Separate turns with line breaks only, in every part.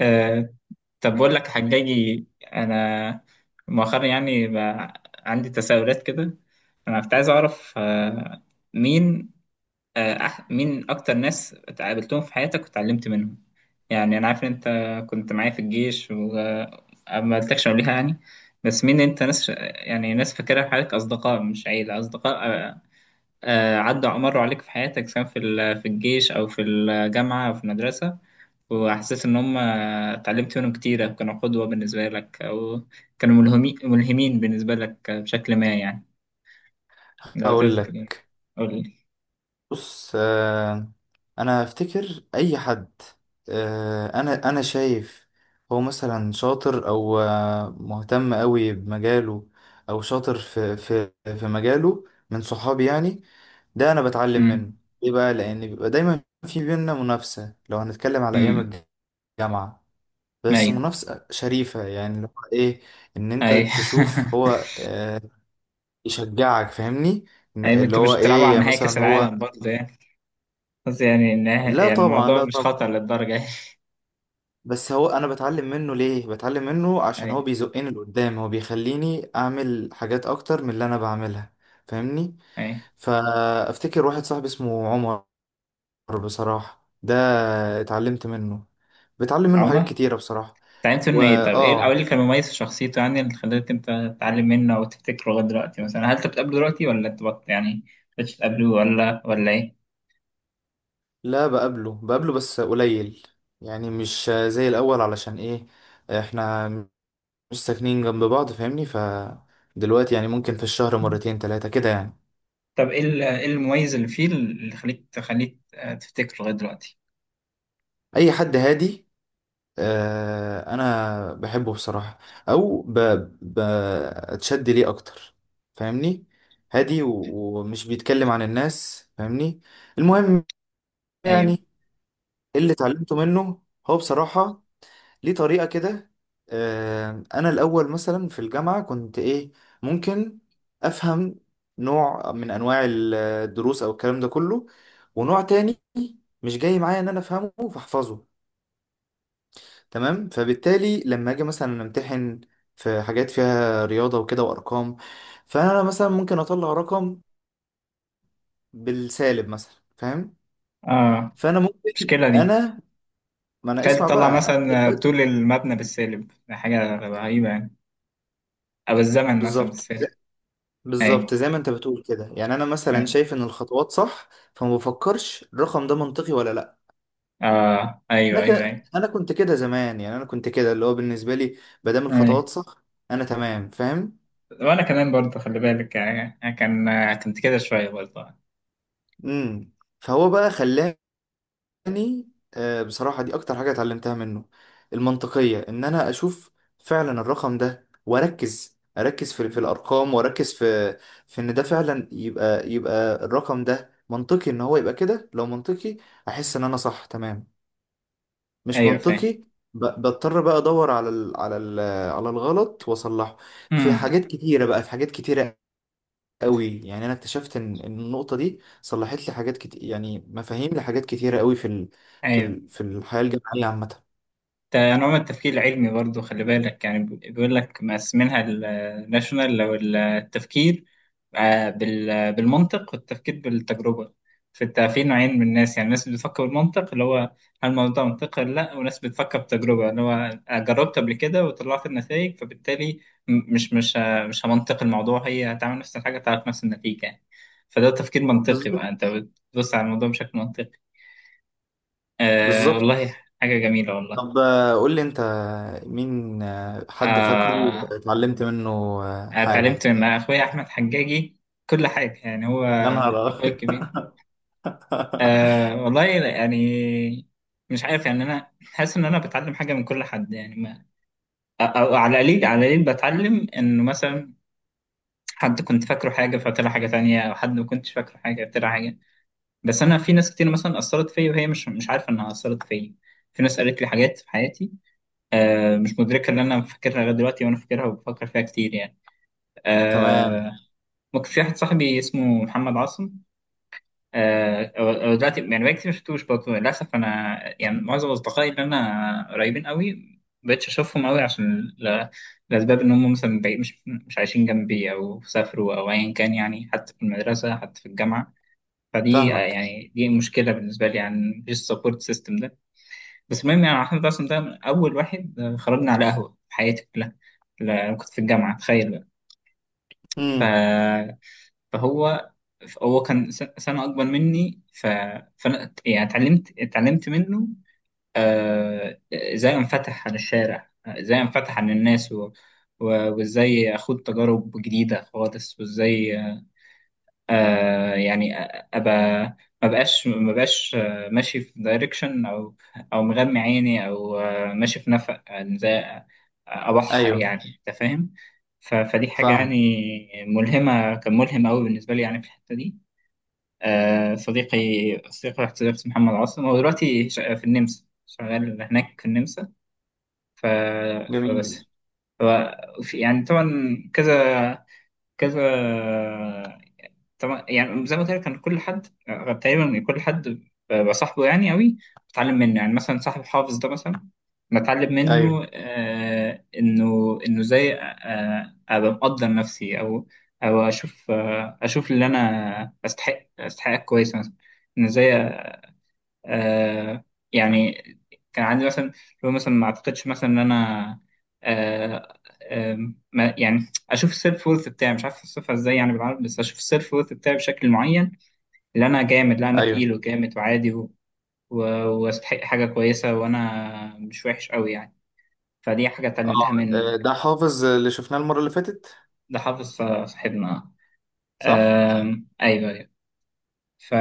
آه، طب بقول لك حجاجي، انا مؤخرا يعني بقى عندي تساؤلات كده. انا كنت عايز اعرف مين مين اكتر ناس اتقابلتهم في حياتك وتعلمت منهم. يعني انا عارف ان انت كنت معايا في الجيش وما قلتكش قبلها يعني. بس مين انت ناس، يعني ناس فاكرها في حياتك، اصدقاء مش عيله، اصدقاء عدوا مروا عليك في حياتك، سواء في الجيش او في الجامعه او في المدرسه. وحسيت إن هم اتعلمت منهم كتير، أو كانوا قدوة بالنسبة لك، أو كانوا ملهمين بالنسبة لك بشكل ما يعني. لو
اقول
تذكر يعني.
لك.
قول لي.
بص، انا افتكر اي حد. انا شايف هو مثلا شاطر، او مهتم قوي بمجاله، او شاطر في مجاله، من صحابي. يعني ده انا بتعلم
أمم.
منه. ليه بقى؟ لان بيبقى دايما في بينا منافسه، لو هنتكلم على ايام
أمم.
الجامعه. بس
أيوه.
منافسه شريفه، يعني اللي هو ايه؟ ان انت
أيوه.
تشوف هو يشجعك. فاهمني؟
أيوه،
اللي
أنتوا
هو
مش بتلعبوا
ايه،
على
يعني
نهائي كأس
مثلا هو
العالم برضه يعني. بس يعني
لا
يعني
طبعا،
الموضوع
لا
مش
طبعا.
خطر للدرجة يعني.
بس هو انا بتعلم منه. ليه بتعلم منه؟ عشان هو
أيوه.
بيزقني لقدام، هو بيخليني اعمل حاجات اكتر من اللي انا بعملها. فاهمني؟
أيوه.
فافتكر واحد صاحبي اسمه عمر. بصراحة ده اتعلمت منه، بتعلم منه حاجات
عمر،
كتيرة بصراحة.
اتعلمت منه إيه؟ طب إيه أو إيه اللي
وآه
كان مميز في شخصيته، يعني اللي خلاك أنت تتعلم منه أو تفتكره لغاية دلوقتي؟ مثلا هل أنت بتقابله دلوقتي ولا أنت يعني مش بتقابله، ولا إيه؟
لا، بقابله بقابله بس قليل. يعني مش زي الأول، علشان إيه؟ إحنا مش ساكنين جنب بعض. فاهمني؟ فدلوقتي يعني ممكن في الشهر مرتين تلاتة كده يعني.
طب ايه إيه المميز اللي فيه اللي تخليك تفتكره لغايه دلوقتي؟
أي حد هادي، انا بحبه بصراحة، او ب... بتشد ليه اكتر. فاهمني؟ هادي، ومش بيتكلم عن الناس. فاهمني؟
مم.
المهم،
ايوه.
يعني اللي اتعلمته منه هو بصراحة، ليه طريقة كده. انا الاول مثلا في الجامعة كنت ايه، ممكن افهم نوع من انواع الدروس او الكلام ده كله، ونوع تاني مش جاي معايا ان انا افهمه فاحفظه. تمام. فبالتالي لما اجي مثلا امتحن في حاجات فيها رياضة وكده وارقام، فانا مثلا ممكن اطلع رقم بالسالب مثلا، فاهم؟
اه،
فانا ممكن
المشكله دي.
ما انا
تخيل
اسمع
تطلع
بقى انا
مثلا
دلوقتي.
طول المبنى بالسالب، ده حاجه رهيبه يعني، او الزمن مثلا
بالظبط،
بالسالب. ايوه.
بالظبط زي ما انت بتقول كده. يعني انا مثلا
ايوه.
شايف ان الخطوات صح، فما بفكرش الرقم ده منطقي ولا لا.
اه، ايوه ايوه ايوه.
انا كنت كده زمان، يعني انا كنت كده اللي هو بالنسبة لي، ما دام
ايوه.
الخطوات صح انا تمام فاهم.
وانا كمان برضه خلي بالك، آه، كان آه، كنت كده شويه برضه.
امم فهو بقى خلاني، يعني بصراحة دي أكتر حاجة اتعلمتها منه: المنطقية. إن أنا أشوف فعلا الرقم ده، وأركز، أركز في الأرقام، وأركز في إن ده فعلا يبقى، يبقى الرقم ده منطقي. إن هو يبقى كده، لو منطقي أحس إن أنا صح تمام، مش
ايوه، فاهم.
منطقي بضطر بقى أدور على ال على ال على الغلط وأصلحه. في
مم.
حاجات كتيرة بقى، في حاجات كتيرة قوي، يعني انا اكتشفت ان النقطه دي صلحت لي حاجات كتير، يعني مفاهيم لحاجات كتيره قوي
ايوه.
في الحياه الجامعيه عامه.
ده نوع من التفكير العلمي برضه، خلي بالك يعني، بيقول لك مقسمينها الناشونال لو التفكير بالمنطق والتفكير بالتجربة. فانت في نوعين من الناس، يعني ناس بتفكر بالمنطق، اللي هو هل الموضوع ده منطقي ولا لا، وناس بتفكر بتجربة، اللي هو جربت قبل كده وطلعت النتائج، فبالتالي مش همنطق الموضوع، هي هتعمل نفس الحاجة، تعرف نفس النتيجة يعني. فده تفكير منطقي بقى،
بالظبط،
انت بتبص على الموضوع بشكل منطقي. آه
بالظبط.
والله. حاجة جميلة والله.
طب قول لي انت، مين حد فاكره
آه
اتعلمت منه
اتعلمت
حاجه؟
من اخويا احمد حجاجي كل حاجه يعني، هو
يا نهار
اخويا
أبيض!
الكبير. أه والله يعني. مش عارف يعني، انا حاسس ان انا بتعلم حاجه من كل حد يعني، ما او على القليل، على القليل بتعلم انه مثلا حد كنت فاكره حاجه فطلع حاجه تانية، او حد ما كنتش فاكره حاجه طلع حاجه. بس انا في ناس كتير مثلا اثرت فيا، وهي مش عارفه انها اثرت فيا. في ناس قالت لي حاجات في حياتي، مش مدركه ان انا فاكرها لغايه دلوقتي، وانا فاكرها وبفكر فيها كتير يعني.
تمام،
أه. ممكن. في واحد صاحبي اسمه محمد عاصم، هو دلوقتي يعني بقالي كتير ما شفتوش برضه للأسف. أنا يعني معظم أصدقائي اللي أنا قريبين قوي ما بقتش أشوفهم قوي، عشان لأسباب، إن هم مثلا بعيد، مش عايشين جنبي، أو سافروا أو أيا كان يعني، حتى في المدرسة حتى في الجامعة. فدي آه،
فاهمك.
يعني دي مشكلة بالنسبة لي يعني، مفيش سبورت سيستم ده. بس المهم يعني أحمد عاصم ده من أول واحد خرجنا على قهوة في حياتي كلها، لا، كنت في الجامعة تخيل.
امم.
بقى. فهو كان سنة أكبر مني. ف... فأنا يعني اتعلمت منه إزاي أنفتح على الشارع، إزاي أنفتح على الناس، و... وإزاي أخوض تجارب جديدة خالص، وإزاي أبقى، ما بقاش ماشي في دايركشن، أو مغمي عيني، أو ماشي في نفق، يعني إزاي أبحر
ايوه،
يعني. أنت فاهم؟ فدي حاجة يعني
فاهمك.
ملهمة، كان ملهم أوي بالنسبة لي يعني في الحتة دي. آه، صديقي صديقي واحد صديقي اسمه محمد عاصم، هو دلوقتي في النمسا، شغال هناك في النمسا. ف... فبس.
جميل.
ف... يعني طبعا، كذا كذا، طبعا يعني زي ما قلت لك، كان كل حد بصاحبه يعني قوي. بتعلم منه، يعني مثلا صاحب الحافظ ده مثلا، بتعلم
ايوه،
منه انه ازاي، ابقى مقدر نفسي، او اشوف اشوف اللي انا استحقها كويس مثلا، ان ازاي آه يعني. كان عندي مثلا لو مثلا ما اعتقدش مثلا ان انا آه آه ما يعني اشوف السيلف وورث بتاعي، مش عارف اوصفها ازاي يعني بالعربي، بس اشوف السيلف وورث بتاعي بشكل معين، اللي انا جامد، لا انا
ايوه،
تقيل وجامد وعادي، و- واستحق حاجه كويسه، وانا مش وحش قوي يعني. فدي حاجه
اه.
اتعلمتها منه.
ده حافظ اللي شفناه المره اللي فاتت؟
ده حافظ صاحبنا.
صح.
آه. ايوه. ايوه. ف...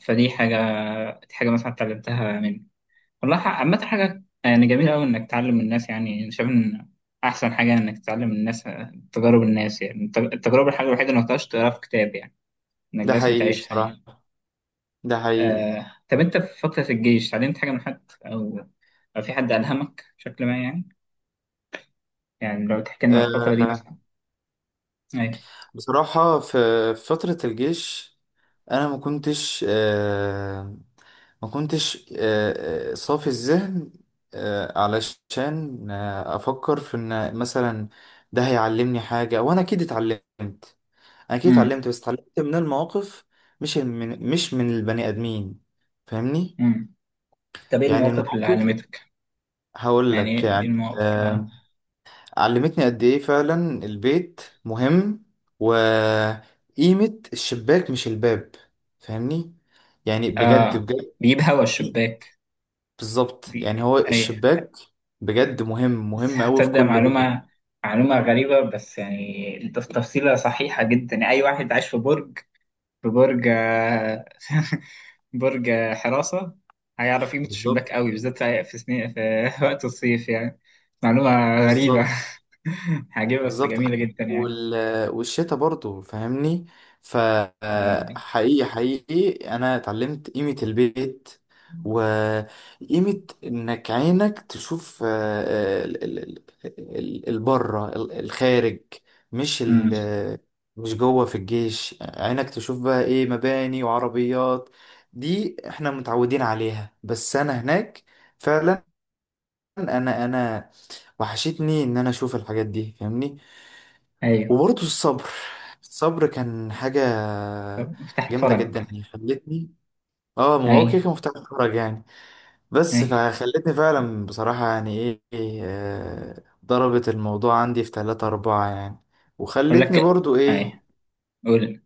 فدي حاجه، دي حاجه مثلا اتعلمتها منه. والله عامة، حاجة يعني جميلة أوي إنك تعلم الناس، يعني أنا شايف إن أحسن حاجة إنك تعلم الناس تجارب الناس، يعني التجربة الحاجة الوحيدة اللي ما تقدرش تقراها في كتاب يعني، إنك
ده
لازم
حقيقي
تعيشها يعني.
بصراحه، ده حقيقي.
طب أنت في فترة الجيش اتعلمت حاجة من حد، أو في حد ألهمك بشكل ما يعني؟ يعني لو تحكي لنا عن الفترة دي
آه
مثلا. أيوه.
بصراحة، في فترة الجيش أنا ما كنتش صافي الذهن، علشان أفكر في إن مثلا ده هيعلمني حاجة. وأنا أكيد اتعلمت،
أمم.
بس اتعلمت من المواقف، مش من البني آدمين. فاهمني؟
أمم. طب إيه
يعني
المواقف اللي
المواقف،
علمتك؟
هقول
يعني إيه
لك، يعني
المواقف؟ آه.
علمتني قد ايه فعلا البيت مهم، وقيمة الشباك مش الباب. فاهمني؟ يعني بجد
آه،
بجد.
بيجيب هوا
في
الشباك.
بالظبط،
بي...
يعني هو
أيوه.
الشباك بجد مهم، مهم قوي في
هتصدق
كل بيت.
معلومة؟ معلومة غريبة، بس يعني تفصيلة صحيحة جدا يعني. أي واحد عايش في برج، في برج برج حراسة هيعرف قيمة الشباك
بالظبط،
قوي، بالذات في سنين في وقت الصيف يعني. معلومة غريبة،
بالظبط،
عجيبة بس
بالظبط
جميلة جدا يعني.
وال... والشتا برضو. فاهمني؟
أيوه.
فحقيقي، حقيقي، حقيقي انا اتعلمت قيمة البيت، وقيمة انك عينك تشوف البره، الخارج، مش ال...
أمم.
مش جوه. في الجيش عينك تشوف بقى ايه؟ مباني وعربيات، دي احنا متعودين عليها، بس انا هناك فعلا، انا وحشتني ان انا اشوف الحاجات دي. فاهمني؟
أيوه.
وبرضه الصبر. الصبر كان حاجة
طب مفتاح
جامدة
الفرج.
جدا، يعني خلتني... اه، ما هو
أيوه.
كده كان مفتاح الفرج يعني. بس
أيوه.
فخلتني فعلا بصراحة يعني ايه إيه، آه، ضربت الموضوع عندي في تلاتة أربعة يعني،
أقول
وخلتني
لك.
برضو ايه،
أيوه. قول.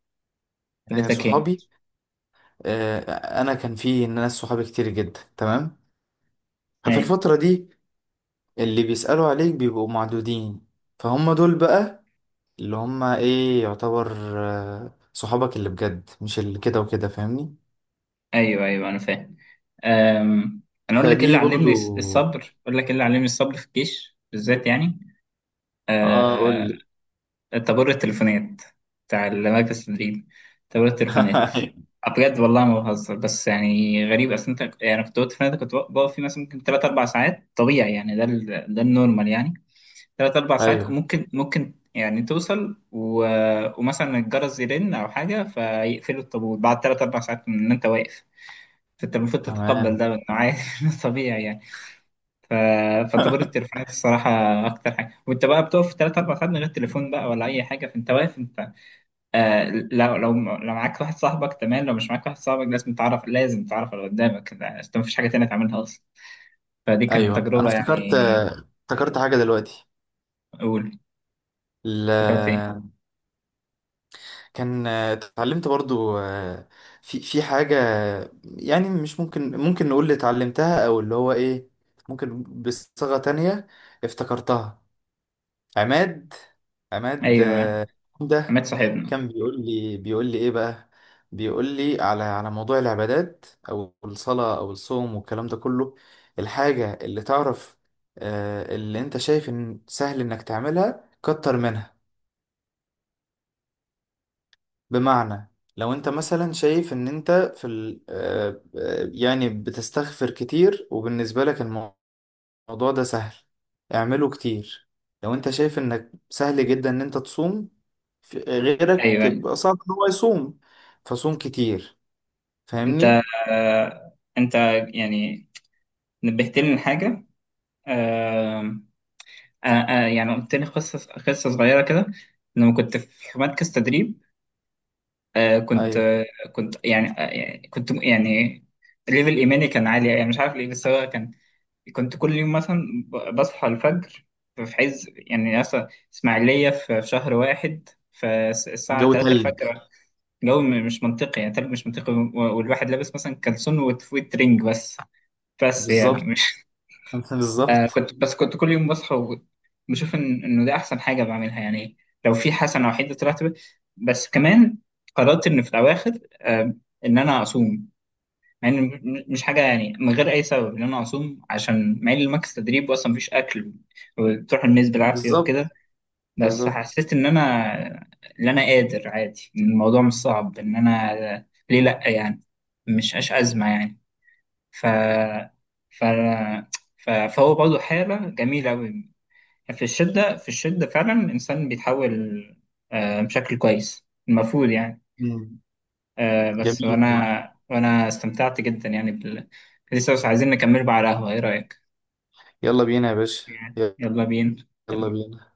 قلت لك إيه.
صحابي. آه، انا كان في ناس صحابي كتير جدا، تمام. ففي
أيوه.
الفترة دي اللي بيسألوا عليك بيبقوا معدودين، فهم دول بقى اللي هم ايه، يعتبر صحابك اللي بجد، مش اللي كده وكده. فاهمني؟
ايوه. ايوه، انا فاهم. أم، انا اقول لك ايه اللي
فدي
علمني
برضو...
الصبر، اقول لك ايه اللي علمني الصبر في الجيش بالذات يعني.
اه، قول
أه،
لي.
طابور التليفونات بتاع المركز التدريب. طابور التليفونات. بجد والله ما بهزر، بس يعني غريب، اصل انت يعني كنت وقت فنادق كنت بقف فيه مثلا ممكن 3 4 ساعات طبيعي يعني، ده ده النورمال يعني. 3 4 ساعات،
ايوه،
ممكن يعني توصل، ومثلا الجرس يرن او حاجه، فيقفلوا الطابور بعد 3 4 ساعات من ان انت واقف، فانت المفروض تتقبل
تمام.
ده بانه عادي طبيعي يعني. ف... فطابور التليفونات الصراحه اكتر حاجه، وانت بقى بتقف 3 4 ساعات من غير تليفون بقى ولا اي حاجه، فانت واقف انت. آه لو معاك واحد صاحبك تمام، لو مش معاك واحد صاحبك لازم تعرف، لازم تعرف اللي قدامك، يعني انت مفيش حاجه تانية تعملها اصلا. فدي كانت
ايوه، انا
تجربه
افتكرت،
يعني.
افتكرت حاجه دلوقتي.
اقول.
ال...
افتكرت ايه؟
كان اتعلمت برضو في حاجه، يعني مش ممكن، نقول اللي اتعلمتها او اللي هو ايه، ممكن بصيغه تانية، افتكرتها. عماد، عماد
ايوه.
عمده،
عماد صاحبنا.
كان بيقول لي ايه بقى، بيقول لي على موضوع العبادات او الصلاة او الصوم والكلام ده كله: الحاجة اللي تعرف اللي انت شايف ان سهل انك تعملها، كتر منها. بمعنى، لو انت مثلا شايف ان انت في ال آه، آه، يعني بتستغفر كتير، وبالنسبة لك الموضوع ده سهل، اعمله كتير. لو انت شايف انك سهل جدا ان انت تصوم، غيرك
ايوه. أيوة.
بيبقى صعب ان هو يصوم، فصوم كتير.
انت
فاهمني؟
انت يعني نبهتني لحاجه، يعني قلت لي قصة، قصة صغيرة كده، لما كنت في مركز تدريب. آه كنت
ايوه.
آه كنت يعني، ليفل إيماني كان عالي يعني، مش عارف ليه بس هو كان. كنت كل يوم مثلا بصحى الفجر، في عز يعني مثلا إسماعيلية، في شهر واحد، فالساعة
جو
3
تلج.
الفجر، جو مش منطقي يعني، تلج مش منطقي، والواحد لابس مثلا كلسون وترنج بس. بس يعني
بالظبط. بالظبط،
كنت، كنت كل يوم بصحى وبشوف إنه ده أحسن حاجة بعملها يعني. لو في حسنة وحيدة طلعت بس كمان، قررت إن في الأواخر إن أنا أصوم، مع إن مش حاجة يعني، من غير أي سبب إن أنا أصوم، عشان مع إن الماكس تدريب وأصلا مفيش أكل، وبتروح الناس بالعافية
بالظبط،
وكده. بس
بالظبط.
حسيت إن أنا قادر عادي، إن الموضوع مش صعب، إن أنا ليه لأ يعني، مش أزمة يعني. ف ف فهو برضه حالة جميلة أوي. في الشدة، في الشدة فعلا الإنسان بيتحول بشكل كويس المفروض يعني.
مم.
بس
جميل والله.
وأنا استمتعت جدا يعني لسه بس عايزين نكمل بقى على القهوة، إيه رأيك؟
يلا بينا يا باشا.
يعني يلا بينا.
يلا بينا.